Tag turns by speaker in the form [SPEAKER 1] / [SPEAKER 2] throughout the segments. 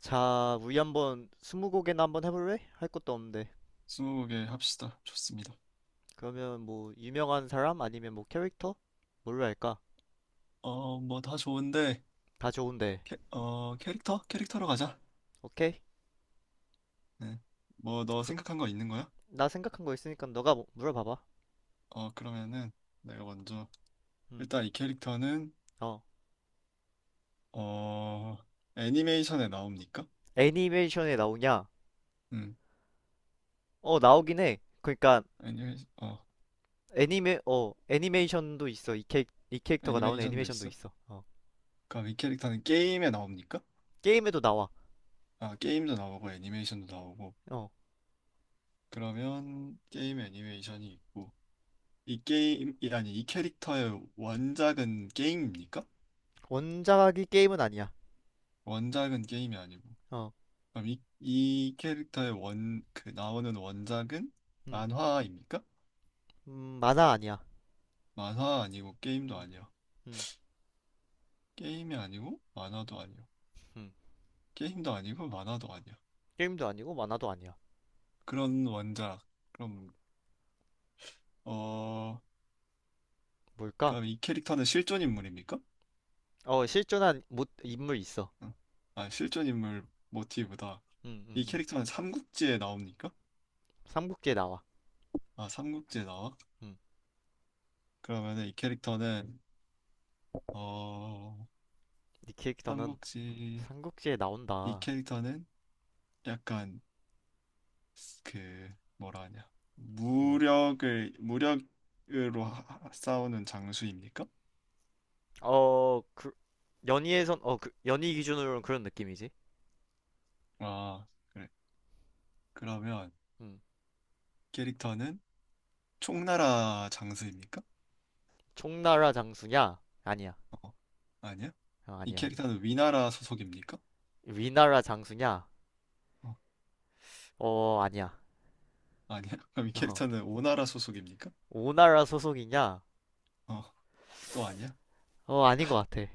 [SPEAKER 1] 자, 우리 한번 스무고개나 한번 해볼래? 할 것도 없는데.
[SPEAKER 2] 스무 개 합시다. 좋습니다.
[SPEAKER 1] 그러면 뭐 유명한 사람 아니면 뭐 캐릭터? 뭘로 할까?
[SPEAKER 2] 뭐 다 좋은데,
[SPEAKER 1] 다 좋은데.
[SPEAKER 2] 캐릭터? 캐릭터로 가자.
[SPEAKER 1] 오케이?
[SPEAKER 2] 네. 뭐 너
[SPEAKER 1] 그,
[SPEAKER 2] 생각한 거 있는 거야?
[SPEAKER 1] 나 생각한 거 있으니까 너가 물어봐봐.
[SPEAKER 2] 그러면은 내가 먼저
[SPEAKER 1] 음.
[SPEAKER 2] 일단 이 캐릭터는
[SPEAKER 1] 어.
[SPEAKER 2] 어, 애니메이션에 나옵니까?
[SPEAKER 1] 애니메이션에 나오냐?
[SPEAKER 2] 음,
[SPEAKER 1] 어, 나오긴 해. 그러니까
[SPEAKER 2] 애니메이션, 어,
[SPEAKER 1] 애니메이션도 있어. 이 캐릭터가 나오는
[SPEAKER 2] 애니메이션도
[SPEAKER 1] 애니메이션도
[SPEAKER 2] 있어?
[SPEAKER 1] 있어. 어.
[SPEAKER 2] 그럼 이 캐릭터는 게임에 나옵니까?
[SPEAKER 1] 게임에도 나와.
[SPEAKER 2] 아, 게임도 나오고 애니메이션도 나오고.
[SPEAKER 1] 어.
[SPEAKER 2] 그러면 게임 애니메이션이 있고 이 게임, 이- 아니 이 캐릭터의 원작은 게임입니까?
[SPEAKER 1] 원작이 게임은 아니야.
[SPEAKER 2] 원작은 게임이 아니고.
[SPEAKER 1] 어.
[SPEAKER 2] 그럼 이 캐릭터의 그 나오는 원작은
[SPEAKER 1] 음.
[SPEAKER 2] 만화입니까?
[SPEAKER 1] 음, 만화 아니야.
[SPEAKER 2] 만화 아니고 게임도
[SPEAKER 1] 음.
[SPEAKER 2] 아니야.
[SPEAKER 1] 음.
[SPEAKER 2] 게임이 아니고 만화도 아니야.
[SPEAKER 1] 음.
[SPEAKER 2] 게임도 아니고 만화도 아니야.
[SPEAKER 1] 게임도 아니고 만화도 아니야.
[SPEAKER 2] 그런 원작. 그럼, 어,
[SPEAKER 1] 뭘까?
[SPEAKER 2] 그럼 이 캐릭터는 실존 인물입니까?
[SPEAKER 1] 어, 실존한 못, 인물 있어.
[SPEAKER 2] 어. 아, 실존 인물 모티브다.
[SPEAKER 1] 응, 응,
[SPEAKER 2] 이
[SPEAKER 1] 응.
[SPEAKER 2] 캐릭터는 삼국지에 나옵니까?
[SPEAKER 1] 삼국지에 나와.
[SPEAKER 2] 아, 삼국지에 나와?
[SPEAKER 1] 응.
[SPEAKER 2] 그러면은 어,
[SPEAKER 1] 네 캐릭터는
[SPEAKER 2] 삼국지,
[SPEAKER 1] 삼국지에
[SPEAKER 2] 이
[SPEAKER 1] 나온다.
[SPEAKER 2] 캐릭터는
[SPEAKER 1] 응.
[SPEAKER 2] 약간 그 뭐라 하냐
[SPEAKER 1] 뭐.
[SPEAKER 2] 무력을 무력으로 싸우는 장수입니까?
[SPEAKER 1] 어, 그, 연희에선, 어, 그, 연희 기준으로는 그런 느낌이지.
[SPEAKER 2] 아 그래. 그러면
[SPEAKER 1] 응.
[SPEAKER 2] 캐릭터는 총나라 장수입니까?
[SPEAKER 1] 총나라 장수냐? 아니야.
[SPEAKER 2] 어, 아니야.
[SPEAKER 1] 어,
[SPEAKER 2] 이
[SPEAKER 1] 아니야, 아니야.
[SPEAKER 2] 캐릭터는 위나라 소속입니까?
[SPEAKER 1] 위나라 장수냐?
[SPEAKER 2] 어,
[SPEAKER 1] 어, 아니야.
[SPEAKER 2] 아니야. 그럼 이
[SPEAKER 1] 어.
[SPEAKER 2] 캐릭터는 오나라 소속입니까?
[SPEAKER 1] 오나라 소속이냐?
[SPEAKER 2] 어, 또 아니야.
[SPEAKER 1] 어, 아닌 것 같아.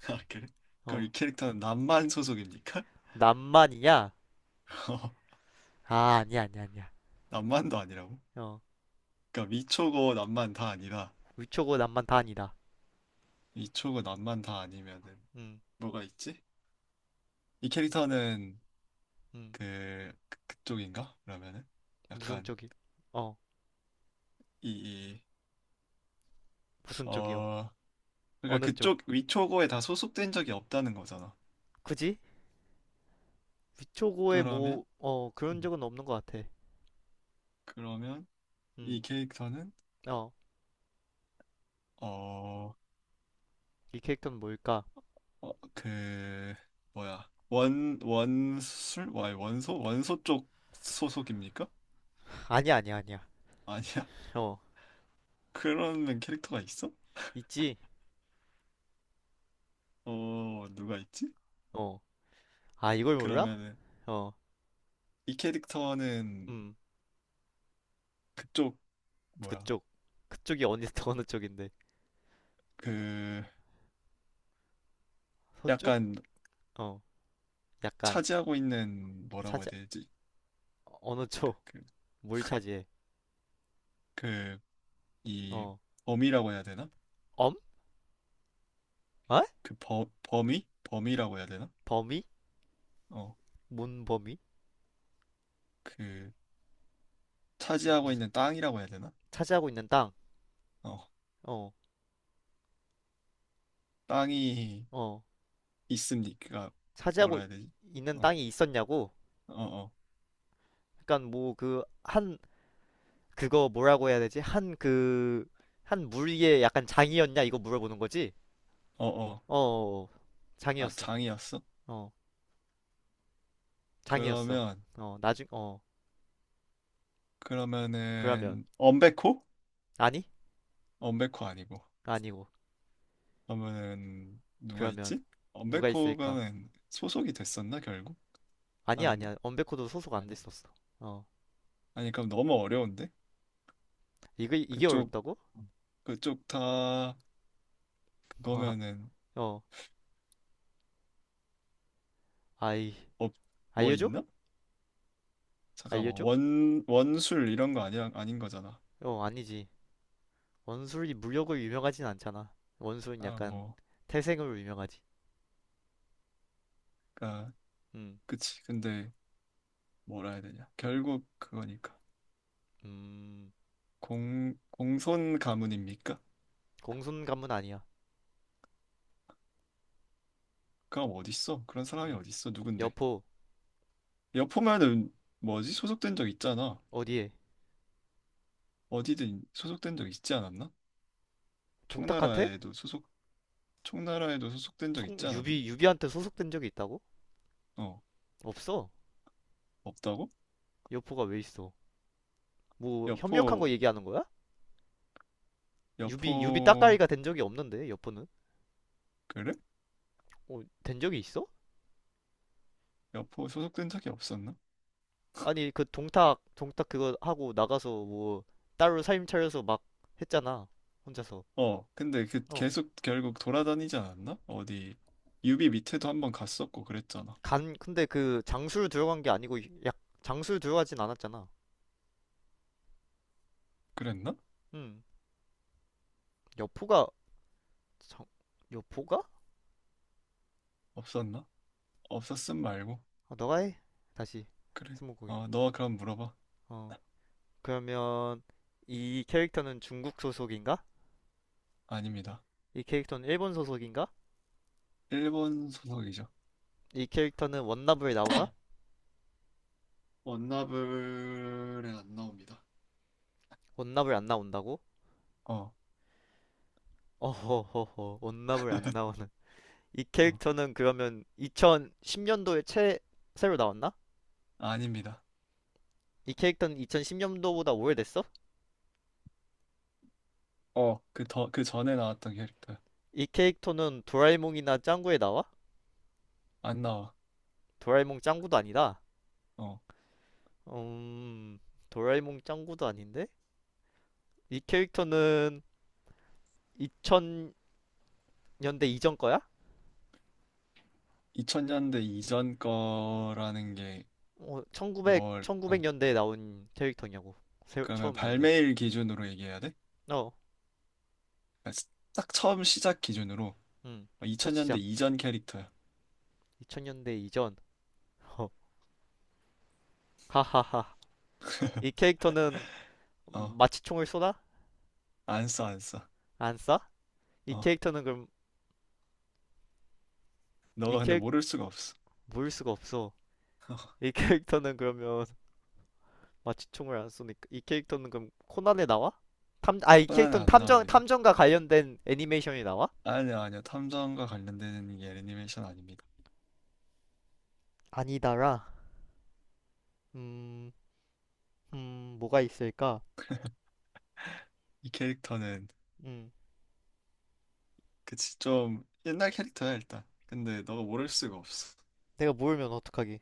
[SPEAKER 2] 아 그래, 그럼
[SPEAKER 1] 어.
[SPEAKER 2] 이 캐릭터는 남만 소속입니까?
[SPEAKER 1] 남만이냐?
[SPEAKER 2] 어,
[SPEAKER 1] 아, 아니야, 아니야, 아니야.
[SPEAKER 2] 남만도 아니라고.
[SPEAKER 1] 어.
[SPEAKER 2] 그러니까 위초고 남만 다 아니다.
[SPEAKER 1] 위초고 남만 다 아니다.
[SPEAKER 2] 위초고 남만 다 아니면은
[SPEAKER 1] 응,
[SPEAKER 2] 뭐가 있지? 이 캐릭터는
[SPEAKER 1] 응.
[SPEAKER 2] 그쪽인가? 그러면은
[SPEAKER 1] 무슨
[SPEAKER 2] 약간
[SPEAKER 1] 쪽이? 어,
[SPEAKER 2] 이, 이,
[SPEAKER 1] 무슨 쪽이요?
[SPEAKER 2] 어 그러니까
[SPEAKER 1] 어느 쪽?
[SPEAKER 2] 그쪽 위초고에 다 소속된 적이 없다는 거잖아.
[SPEAKER 1] 굳이? 위초고에
[SPEAKER 2] 그러면
[SPEAKER 1] 뭐, 어, 그런
[SPEAKER 2] 음,
[SPEAKER 1] 적은 없는 것 같아.
[SPEAKER 2] 그러면 이
[SPEAKER 1] 음,
[SPEAKER 2] 캐릭터는
[SPEAKER 1] 어, 이 캐릭터는 뭘까?
[SPEAKER 2] 어그 뭐야 원 원술 와 원소 쪽 소속입니까?
[SPEAKER 1] 아니야, 아니야, 아니야.
[SPEAKER 2] 아니야.
[SPEAKER 1] 어,
[SPEAKER 2] 그러면 캐릭터가 있어?
[SPEAKER 1] 있지?
[SPEAKER 2] 어, 누가 있지?
[SPEAKER 1] 어, 아, 이걸 몰라?
[SPEAKER 2] 그러면은
[SPEAKER 1] 어,
[SPEAKER 2] 이 캐릭터는
[SPEAKER 1] 음,
[SPEAKER 2] 그쪽 뭐야
[SPEAKER 1] 그쪽. 그쪽이 어느, 어느 쪽인데?
[SPEAKER 2] 그
[SPEAKER 1] 서쪽?
[SPEAKER 2] 약간
[SPEAKER 1] 어, 약간,
[SPEAKER 2] 차지하고 있는 뭐라고 해야
[SPEAKER 1] 차지,
[SPEAKER 2] 되지?
[SPEAKER 1] 어느 쪽?
[SPEAKER 2] 그,
[SPEAKER 1] 뭘 차지해?
[SPEAKER 2] 그, 이
[SPEAKER 1] 어,
[SPEAKER 2] 범위라고 해야 되나?
[SPEAKER 1] 엄? 어?
[SPEAKER 2] 그 범위? 범위라고 해야 되나?
[SPEAKER 1] 범위?
[SPEAKER 2] 어,
[SPEAKER 1] 뭔 범위?
[SPEAKER 2] 그 차지하고
[SPEAKER 1] 무슨,
[SPEAKER 2] 있는 땅이라고 해야 되나?
[SPEAKER 1] 차지하고 있는 땅?
[SPEAKER 2] 어,
[SPEAKER 1] 어,
[SPEAKER 2] 땅이
[SPEAKER 1] 어,
[SPEAKER 2] 있습니까? 뭐라
[SPEAKER 1] 차지하고
[SPEAKER 2] 해야 되지?
[SPEAKER 1] 있는
[SPEAKER 2] 어,
[SPEAKER 1] 땅이 있었냐고?
[SPEAKER 2] 어, 어,
[SPEAKER 1] 약간 뭐, 그, 한, 그거 뭐라고 해야 되지? 한 그, 한 물 위에 약간 장이었냐? 이거 물어보는 거지?
[SPEAKER 2] 어, 어.
[SPEAKER 1] 어, 어, 어.
[SPEAKER 2] 아,
[SPEAKER 1] 장이었어.
[SPEAKER 2] 장이었어?
[SPEAKER 1] 어, 장이었어.
[SPEAKER 2] 그러면,
[SPEAKER 1] 어, 나중, 어, 그러면,
[SPEAKER 2] 그러면은 엄베코?
[SPEAKER 1] 아니?
[SPEAKER 2] 엄베코 아니고.
[SPEAKER 1] 아니고.
[SPEAKER 2] 그러면은 누가
[SPEAKER 1] 그러면,
[SPEAKER 2] 있지?
[SPEAKER 1] 누가 있을까?
[SPEAKER 2] 엄베코가는 소속이 됐었나 결국?
[SPEAKER 1] 아니야,
[SPEAKER 2] 다른데?
[SPEAKER 1] 아니야. 언베코도 소속 안
[SPEAKER 2] 아니야?
[SPEAKER 1] 됐었어. 어,
[SPEAKER 2] 아니 그럼 너무 어려운데?
[SPEAKER 1] 이거, 이게
[SPEAKER 2] 그쪽
[SPEAKER 1] 어렵다고?
[SPEAKER 2] 그쪽 다 그거면은
[SPEAKER 1] 어, 아이,
[SPEAKER 2] 업 뭐
[SPEAKER 1] 알려줘?
[SPEAKER 2] 있나? 잠깐만
[SPEAKER 1] 알려줘?
[SPEAKER 2] 원 원술 이런 거 아니야 아닌 거잖아.
[SPEAKER 1] 어, 아니지. 원술이 물력으로 유명하진 않잖아. 원술은
[SPEAKER 2] 아
[SPEAKER 1] 약간
[SPEAKER 2] 뭐
[SPEAKER 1] 태생으로 유명하지.
[SPEAKER 2] 그니까
[SPEAKER 1] 음,
[SPEAKER 2] 그치 근데 뭐라 해야 되냐 결국 그거니까
[SPEAKER 1] 음,
[SPEAKER 2] 공 공손 가문입니까?
[SPEAKER 1] 공손 가문 아니야.
[SPEAKER 2] 그럼 어딨어? 그런 사람이
[SPEAKER 1] 음.
[SPEAKER 2] 어딨어? 누군데?
[SPEAKER 1] 여포.
[SPEAKER 2] 여포면은 뭐지 소속된 적 있잖아.
[SPEAKER 1] 어디에?
[SPEAKER 2] 어디든 소속된 적 있지 않았나?
[SPEAKER 1] 동탁한테?
[SPEAKER 2] 총나라에도 소속 총나라에도 소속된 적
[SPEAKER 1] 청
[SPEAKER 2] 있지 않았나?
[SPEAKER 1] 유비한테 소속된 적이 있다고?
[SPEAKER 2] 어,
[SPEAKER 1] 없어.
[SPEAKER 2] 없다고?
[SPEAKER 1] 여포가 왜 있어? 뭐 협력한
[SPEAKER 2] 여포
[SPEAKER 1] 거 얘기하는 거야? 유비
[SPEAKER 2] 여포
[SPEAKER 1] 따까이가 된 적이 없는데 여포는?
[SPEAKER 2] 그래?
[SPEAKER 1] 어, 된 적이 있어?
[SPEAKER 2] 여포 소속된 적이 없었나?
[SPEAKER 1] 아니 그 동탁 그거 하고 나가서 뭐 따로 사임 차려서 막 했잖아. 혼자서.
[SPEAKER 2] 어, 근데 그
[SPEAKER 1] 어.
[SPEAKER 2] 계속 결국 돌아다니지 않았나? 어디 유비 밑에도 한번 갔었고 그랬잖아.
[SPEAKER 1] 간 근데 그장를 들어간 게 아니고 약장를 들어가진 않았잖아.
[SPEAKER 2] 그랬나?
[SPEAKER 1] 음. 여포가 장 여포가?
[SPEAKER 2] 없었나? 없었음 말고.
[SPEAKER 1] 아, 너가 해. 다시
[SPEAKER 2] 그래.
[SPEAKER 1] 스무고개.
[SPEAKER 2] 어, 너 그럼 물어봐.
[SPEAKER 1] 어. 그러면 이 캐릭터는 중국 소속인가?
[SPEAKER 2] 아닙니다.
[SPEAKER 1] 이 캐릭터는 일본 소속인가?
[SPEAKER 2] 일본 소속이죠.
[SPEAKER 1] 이 캐릭터는 원나블에 나오나?
[SPEAKER 2] 원나블에 안 나옵니다.
[SPEAKER 1] 원나블 안 나온다고?
[SPEAKER 2] 어,
[SPEAKER 1] 어허허허, 원나블 안 나오는. 이
[SPEAKER 2] 어,
[SPEAKER 1] 캐릭터는 그러면 2010년도에 최, 새로 나왔나?
[SPEAKER 2] 아닙니다.
[SPEAKER 1] 이 캐릭터는 2010년도보다 오래됐어?
[SPEAKER 2] 그 전에 나왔던 캐릭터.
[SPEAKER 1] 이 캐릭터는 도라에몽이나 짱구에 나와?
[SPEAKER 2] 안 나와.
[SPEAKER 1] 도라에몽 짱구도 아니다.
[SPEAKER 2] 어,
[SPEAKER 1] 음, 도라에몽 짱구도 아닌데? 이 캐릭터는 2000년대 이전 거야?
[SPEAKER 2] 2000년대 이전 거라는 게
[SPEAKER 1] 어, 1900,
[SPEAKER 2] 뭘,
[SPEAKER 1] 구백
[SPEAKER 2] 어,
[SPEAKER 1] 년대에 나온 캐릭터냐고. 새,
[SPEAKER 2] 그러면
[SPEAKER 1] 처음 나온 게.
[SPEAKER 2] 발매일 기준으로 얘기해야 돼?
[SPEAKER 1] 어,
[SPEAKER 2] 딱 처음 시작 기준으로
[SPEAKER 1] 음. 첫
[SPEAKER 2] 2000년대
[SPEAKER 1] 시작.
[SPEAKER 2] 이전 캐릭터야.
[SPEAKER 1] 2000년대 이전. 어, 하하하. 이 캐릭터는
[SPEAKER 2] 어,
[SPEAKER 1] 마취총을 쏘나?
[SPEAKER 2] 안 써, 안 써.
[SPEAKER 1] 안 쏴? 이
[SPEAKER 2] 어,
[SPEAKER 1] 캐릭터는 그럼, 이
[SPEAKER 2] 너가 근데
[SPEAKER 1] 캐릭,
[SPEAKER 2] 모를 수가 없어.
[SPEAKER 1] 모일 수가 없어. 이 캐릭터는 그러면 마취총을 안 쏘니까. 이 캐릭터는 그럼 코난에 나와? 탐, 아, 이
[SPEAKER 2] 코난에
[SPEAKER 1] 캐릭터는
[SPEAKER 2] 안
[SPEAKER 1] 탐정,
[SPEAKER 2] 나옵니다.
[SPEAKER 1] 탐정과 관련된 애니메이션이 나와?
[SPEAKER 2] 아니야, 아니야. 탐정과 관련된 게 애니메이션 아닙니다.
[SPEAKER 1] 아니다라. 음, 뭐가 있을까?
[SPEAKER 2] 이 캐릭터는
[SPEAKER 1] 음,
[SPEAKER 2] 그치 좀 옛날 캐릭터야 일단. 근데 너가 모를 수가 없어.
[SPEAKER 1] 내가 모르면 어떡하기.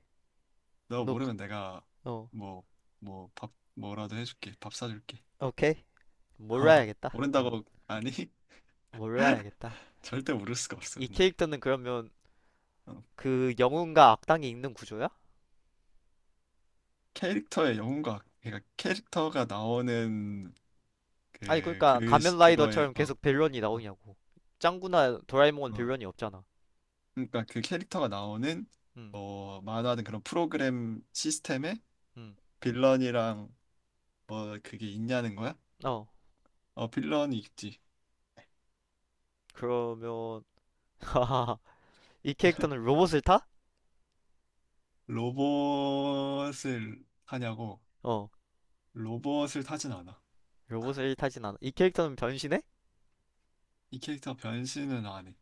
[SPEAKER 2] 너가
[SPEAKER 1] 너,
[SPEAKER 2] 모르면 내가
[SPEAKER 1] 어.
[SPEAKER 2] 뭐 뭐 밥 뭐라도 해줄게. 밥 사줄게.
[SPEAKER 1] 오케이.
[SPEAKER 2] 어,
[SPEAKER 1] 몰라야겠다. 어,
[SPEAKER 2] 모른다고 아니
[SPEAKER 1] 몰라야겠다.
[SPEAKER 2] 절대 모를 수가 없어
[SPEAKER 1] 이
[SPEAKER 2] 근데.
[SPEAKER 1] 캐릭터는 그러면
[SPEAKER 2] 어,
[SPEAKER 1] 그 영웅과 악당이 있는 구조야?
[SPEAKER 2] 캐릭터의 영웅과 그러니까 캐릭터가 나오는
[SPEAKER 1] 아니, 그러니까
[SPEAKER 2] 그거에
[SPEAKER 1] 가면라이더처럼 계속 빌런이
[SPEAKER 2] 어,
[SPEAKER 1] 나오냐고. 짱구나 도라에몽은
[SPEAKER 2] 어.
[SPEAKER 1] 빌런이 없잖아.
[SPEAKER 2] 그러니까 그 캐릭터가 나오는
[SPEAKER 1] 음,
[SPEAKER 2] 뭐 만화든 그런 프로그램 시스템에
[SPEAKER 1] 음.
[SPEAKER 2] 빌런이랑 뭐 그게 있냐는 거야?
[SPEAKER 1] 어,
[SPEAKER 2] 어, 빌런이 있지.
[SPEAKER 1] 그러면 이 캐릭터는 로봇을 타?
[SPEAKER 2] 로봇을 타냐고.
[SPEAKER 1] 어,
[SPEAKER 2] 로봇을 타진 않아.
[SPEAKER 1] 로봇을 타진 않아. 이 캐릭터는 변신해?
[SPEAKER 2] 이 캐릭터 변신은 안 해.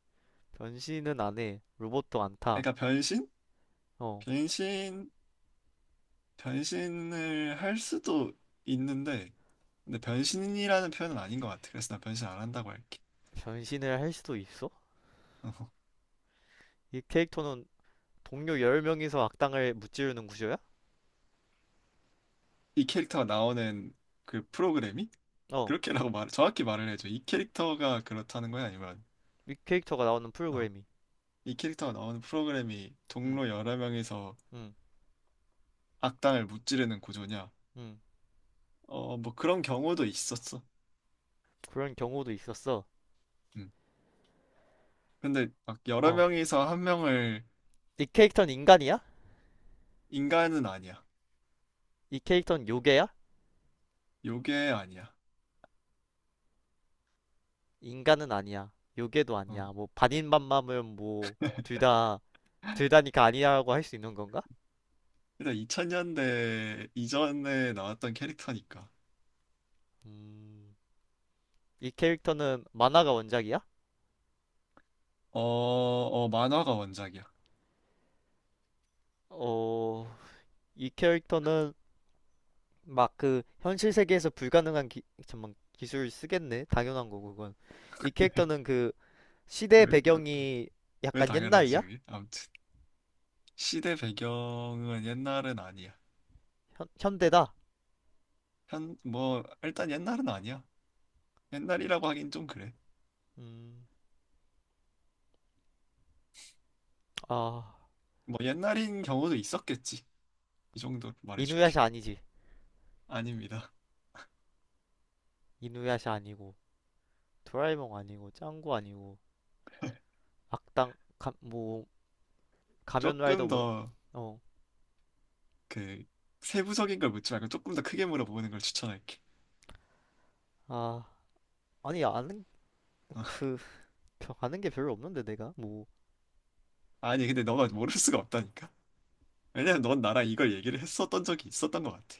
[SPEAKER 1] 변신은 안 해. 로봇도 안 타.
[SPEAKER 2] 그러니까 변신?
[SPEAKER 1] 어,
[SPEAKER 2] 변신, 변신을 할 수도 있는데, 근데 변신이라는 표현은 아닌 것 같아. 그래서 나 변신 안 한다고 할게.
[SPEAKER 1] 변신을 할 수도 있어? 이 캐릭터는 동료 10명이서 악당을 무찌르는 구조야?
[SPEAKER 2] 이 캐릭터가 나오는 그 프로그램이
[SPEAKER 1] 어.
[SPEAKER 2] 그렇게라고 정확히 말을 해줘. 이 캐릭터가 그렇다는 거야? 아니면,
[SPEAKER 1] 이 캐릭터가 나오는
[SPEAKER 2] 어,
[SPEAKER 1] 프로그램이.
[SPEAKER 2] 이 캐릭터가 나오는 프로그램이
[SPEAKER 1] 음,
[SPEAKER 2] 동료 여러 명에서
[SPEAKER 1] 음,
[SPEAKER 2] 악당을 무찌르는 구조냐?
[SPEAKER 1] 음.
[SPEAKER 2] 뭐 그런 경우도 있었어.
[SPEAKER 1] 그런 경우도 있었어.
[SPEAKER 2] 음. 근데 막 여러
[SPEAKER 1] 어.
[SPEAKER 2] 명에서 한 명을
[SPEAKER 1] 이 캐릭터는 인간이야?
[SPEAKER 2] 인간은 아니야.
[SPEAKER 1] 이 캐릭터는 요괴야?
[SPEAKER 2] 요게 아니야.
[SPEAKER 1] 인간은 아니야. 요괴도
[SPEAKER 2] 어.
[SPEAKER 1] 아니야. 뭐 반인반마면 뭐 둘 다, 둘 다니까 아니라고 할 수 있는 건가?
[SPEAKER 2] 일단 2000년대 이전에 나왔던 캐릭터니까.
[SPEAKER 1] 음. 이 캐릭터는 만화가 원작이야?
[SPEAKER 2] 만화가 원작이야.
[SPEAKER 1] 어. 이 캐릭터는 막 그 현실 세계에서 불가능한 기, 잠만 기술을 쓰겠네. 당연한 거고 그건. 이 캐릭터는 그 시대
[SPEAKER 2] 왜, 왜,
[SPEAKER 1] 배경이
[SPEAKER 2] 왜
[SPEAKER 1] 약간
[SPEAKER 2] 당연하지,
[SPEAKER 1] 옛날이야?
[SPEAKER 2] 그게? 아무튼. 시대 배경은 옛날은 아니야.
[SPEAKER 1] 현- 현대다.
[SPEAKER 2] 뭐, 일단 옛날은 아니야. 옛날이라고 하긴 좀 그래.
[SPEAKER 1] 음, 아,
[SPEAKER 2] 뭐 옛날인 경우도 있었겠지. 이 정도로 말해줄게.
[SPEAKER 1] 이누야샤 아니지.
[SPEAKER 2] 아닙니다.
[SPEAKER 1] 이누야샤 아니고, 도라에몽 아니고, 짱구 아니고, 악당, 가, 뭐, 가면라이더
[SPEAKER 2] 조금
[SPEAKER 1] 뭐,
[SPEAKER 2] 더
[SPEAKER 1] 어,
[SPEAKER 2] 그 세부적인 걸 묻지 말고 조금 더 크게 물어보는 걸 추천할게.
[SPEAKER 1] 아, 아니, 아는,
[SPEAKER 2] 어.
[SPEAKER 1] 벼- 아는 게 별로 없는데, 내가? 뭐,
[SPEAKER 2] 아니 근데 너가 모를 수가 없다니까. 왜냐면 넌 나랑 이걸 얘기를 했었던 적이 있었던 것 같아.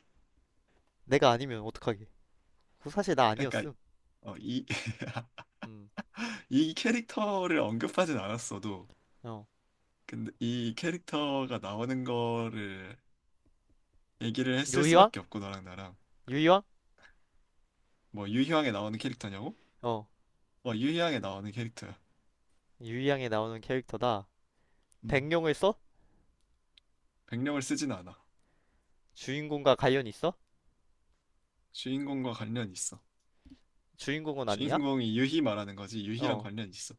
[SPEAKER 1] 내가 아니면 어떡하게. 그 사실 나
[SPEAKER 2] 그러니까
[SPEAKER 1] 아니었음.
[SPEAKER 2] 어, 이,
[SPEAKER 1] 음,
[SPEAKER 2] 이 캐릭터를 언급하진 않았어도
[SPEAKER 1] 어.
[SPEAKER 2] 근데 이 캐릭터가 나오는 거를 얘기를 했을
[SPEAKER 1] 유희왕?
[SPEAKER 2] 수밖에 없고 너랑 나랑
[SPEAKER 1] 유희왕?
[SPEAKER 2] 뭐 유희왕에 나오는 캐릭터냐고?
[SPEAKER 1] 어,
[SPEAKER 2] 어, 유희왕에 나오는 캐릭터야.
[SPEAKER 1] 유희왕에 나오는 캐릭터다.
[SPEAKER 2] 음.
[SPEAKER 1] 백룡을 써?
[SPEAKER 2] 백령을 쓰진 않아.
[SPEAKER 1] 주인공과 관련이 있어?
[SPEAKER 2] 주인공과 관련이 있어.
[SPEAKER 1] 주인공은 아니야?
[SPEAKER 2] 주인공이 유희 말하는 거지. 유희랑
[SPEAKER 1] 어,
[SPEAKER 2] 관련이 있어.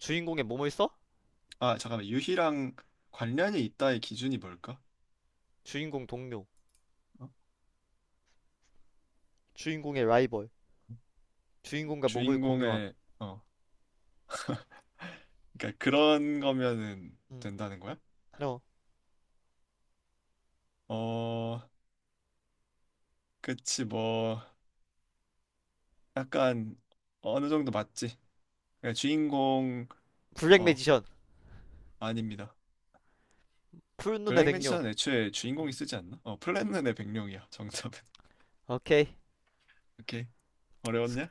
[SPEAKER 1] 주인공의 몸을 써?
[SPEAKER 2] 아, 잠깐만. 유희랑 관련이 있다의 기준이 뭘까?
[SPEAKER 1] 주인공 동료.
[SPEAKER 2] 어?
[SPEAKER 1] 주인공의 라이벌. 주인공과 몸을 공유함.
[SPEAKER 2] 주인공의 어, 그러니까 그런 거면은
[SPEAKER 1] 음.
[SPEAKER 2] 된다는 거야?
[SPEAKER 1] 어.
[SPEAKER 2] 어, 그치 뭐 약간 어느 정도 맞지. 그러니까
[SPEAKER 1] 블랙
[SPEAKER 2] 어,
[SPEAKER 1] 매지션.
[SPEAKER 2] 아닙니다.
[SPEAKER 1] 푸른 눈의
[SPEAKER 2] 블랙
[SPEAKER 1] 백룡.
[SPEAKER 2] 매지션 애초에 주인공이
[SPEAKER 1] 음.
[SPEAKER 2] 쓰지 않나? 플랜은의 백령이야. 정답은.
[SPEAKER 1] 오케이.
[SPEAKER 2] 오케이. 어려웠냐?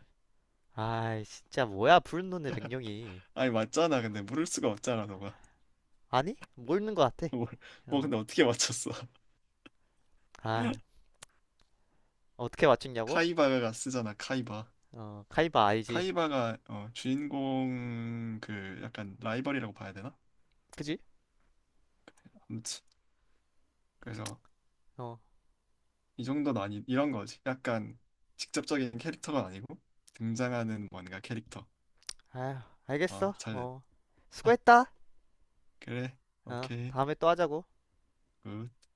[SPEAKER 1] 아이, 진짜 뭐야, 푸른 눈의 백룡이.
[SPEAKER 2] 아니 맞잖아. 근데 모를 수가 없잖아, 너가.
[SPEAKER 1] 아니? 뭐 있는 것 같아.
[SPEAKER 2] 뭐,
[SPEAKER 1] 어.
[SPEAKER 2] 근데 어떻게 맞췄어?
[SPEAKER 1] 아, 어떻게 맞췄냐고?
[SPEAKER 2] 카이바가 쓰잖아, 카이바.
[SPEAKER 1] 어, 카이바 알지.
[SPEAKER 2] 카이바가 주인공 그 약간 라이벌이라고 봐야 되나?
[SPEAKER 1] 그지?
[SPEAKER 2] 아무튼 그래서
[SPEAKER 1] 어.
[SPEAKER 2] 이 정도는 아니 이런 거지. 약간 직접적인 캐릭터가 아니고 등장하는 뭔가 캐릭터.
[SPEAKER 1] 아,
[SPEAKER 2] 아,
[SPEAKER 1] 알겠어.
[SPEAKER 2] 잘됐다.
[SPEAKER 1] 어. 수고했다.
[SPEAKER 2] 그래,
[SPEAKER 1] 어,
[SPEAKER 2] 오케이,
[SPEAKER 1] 다음에 또 하자고.
[SPEAKER 2] 굿.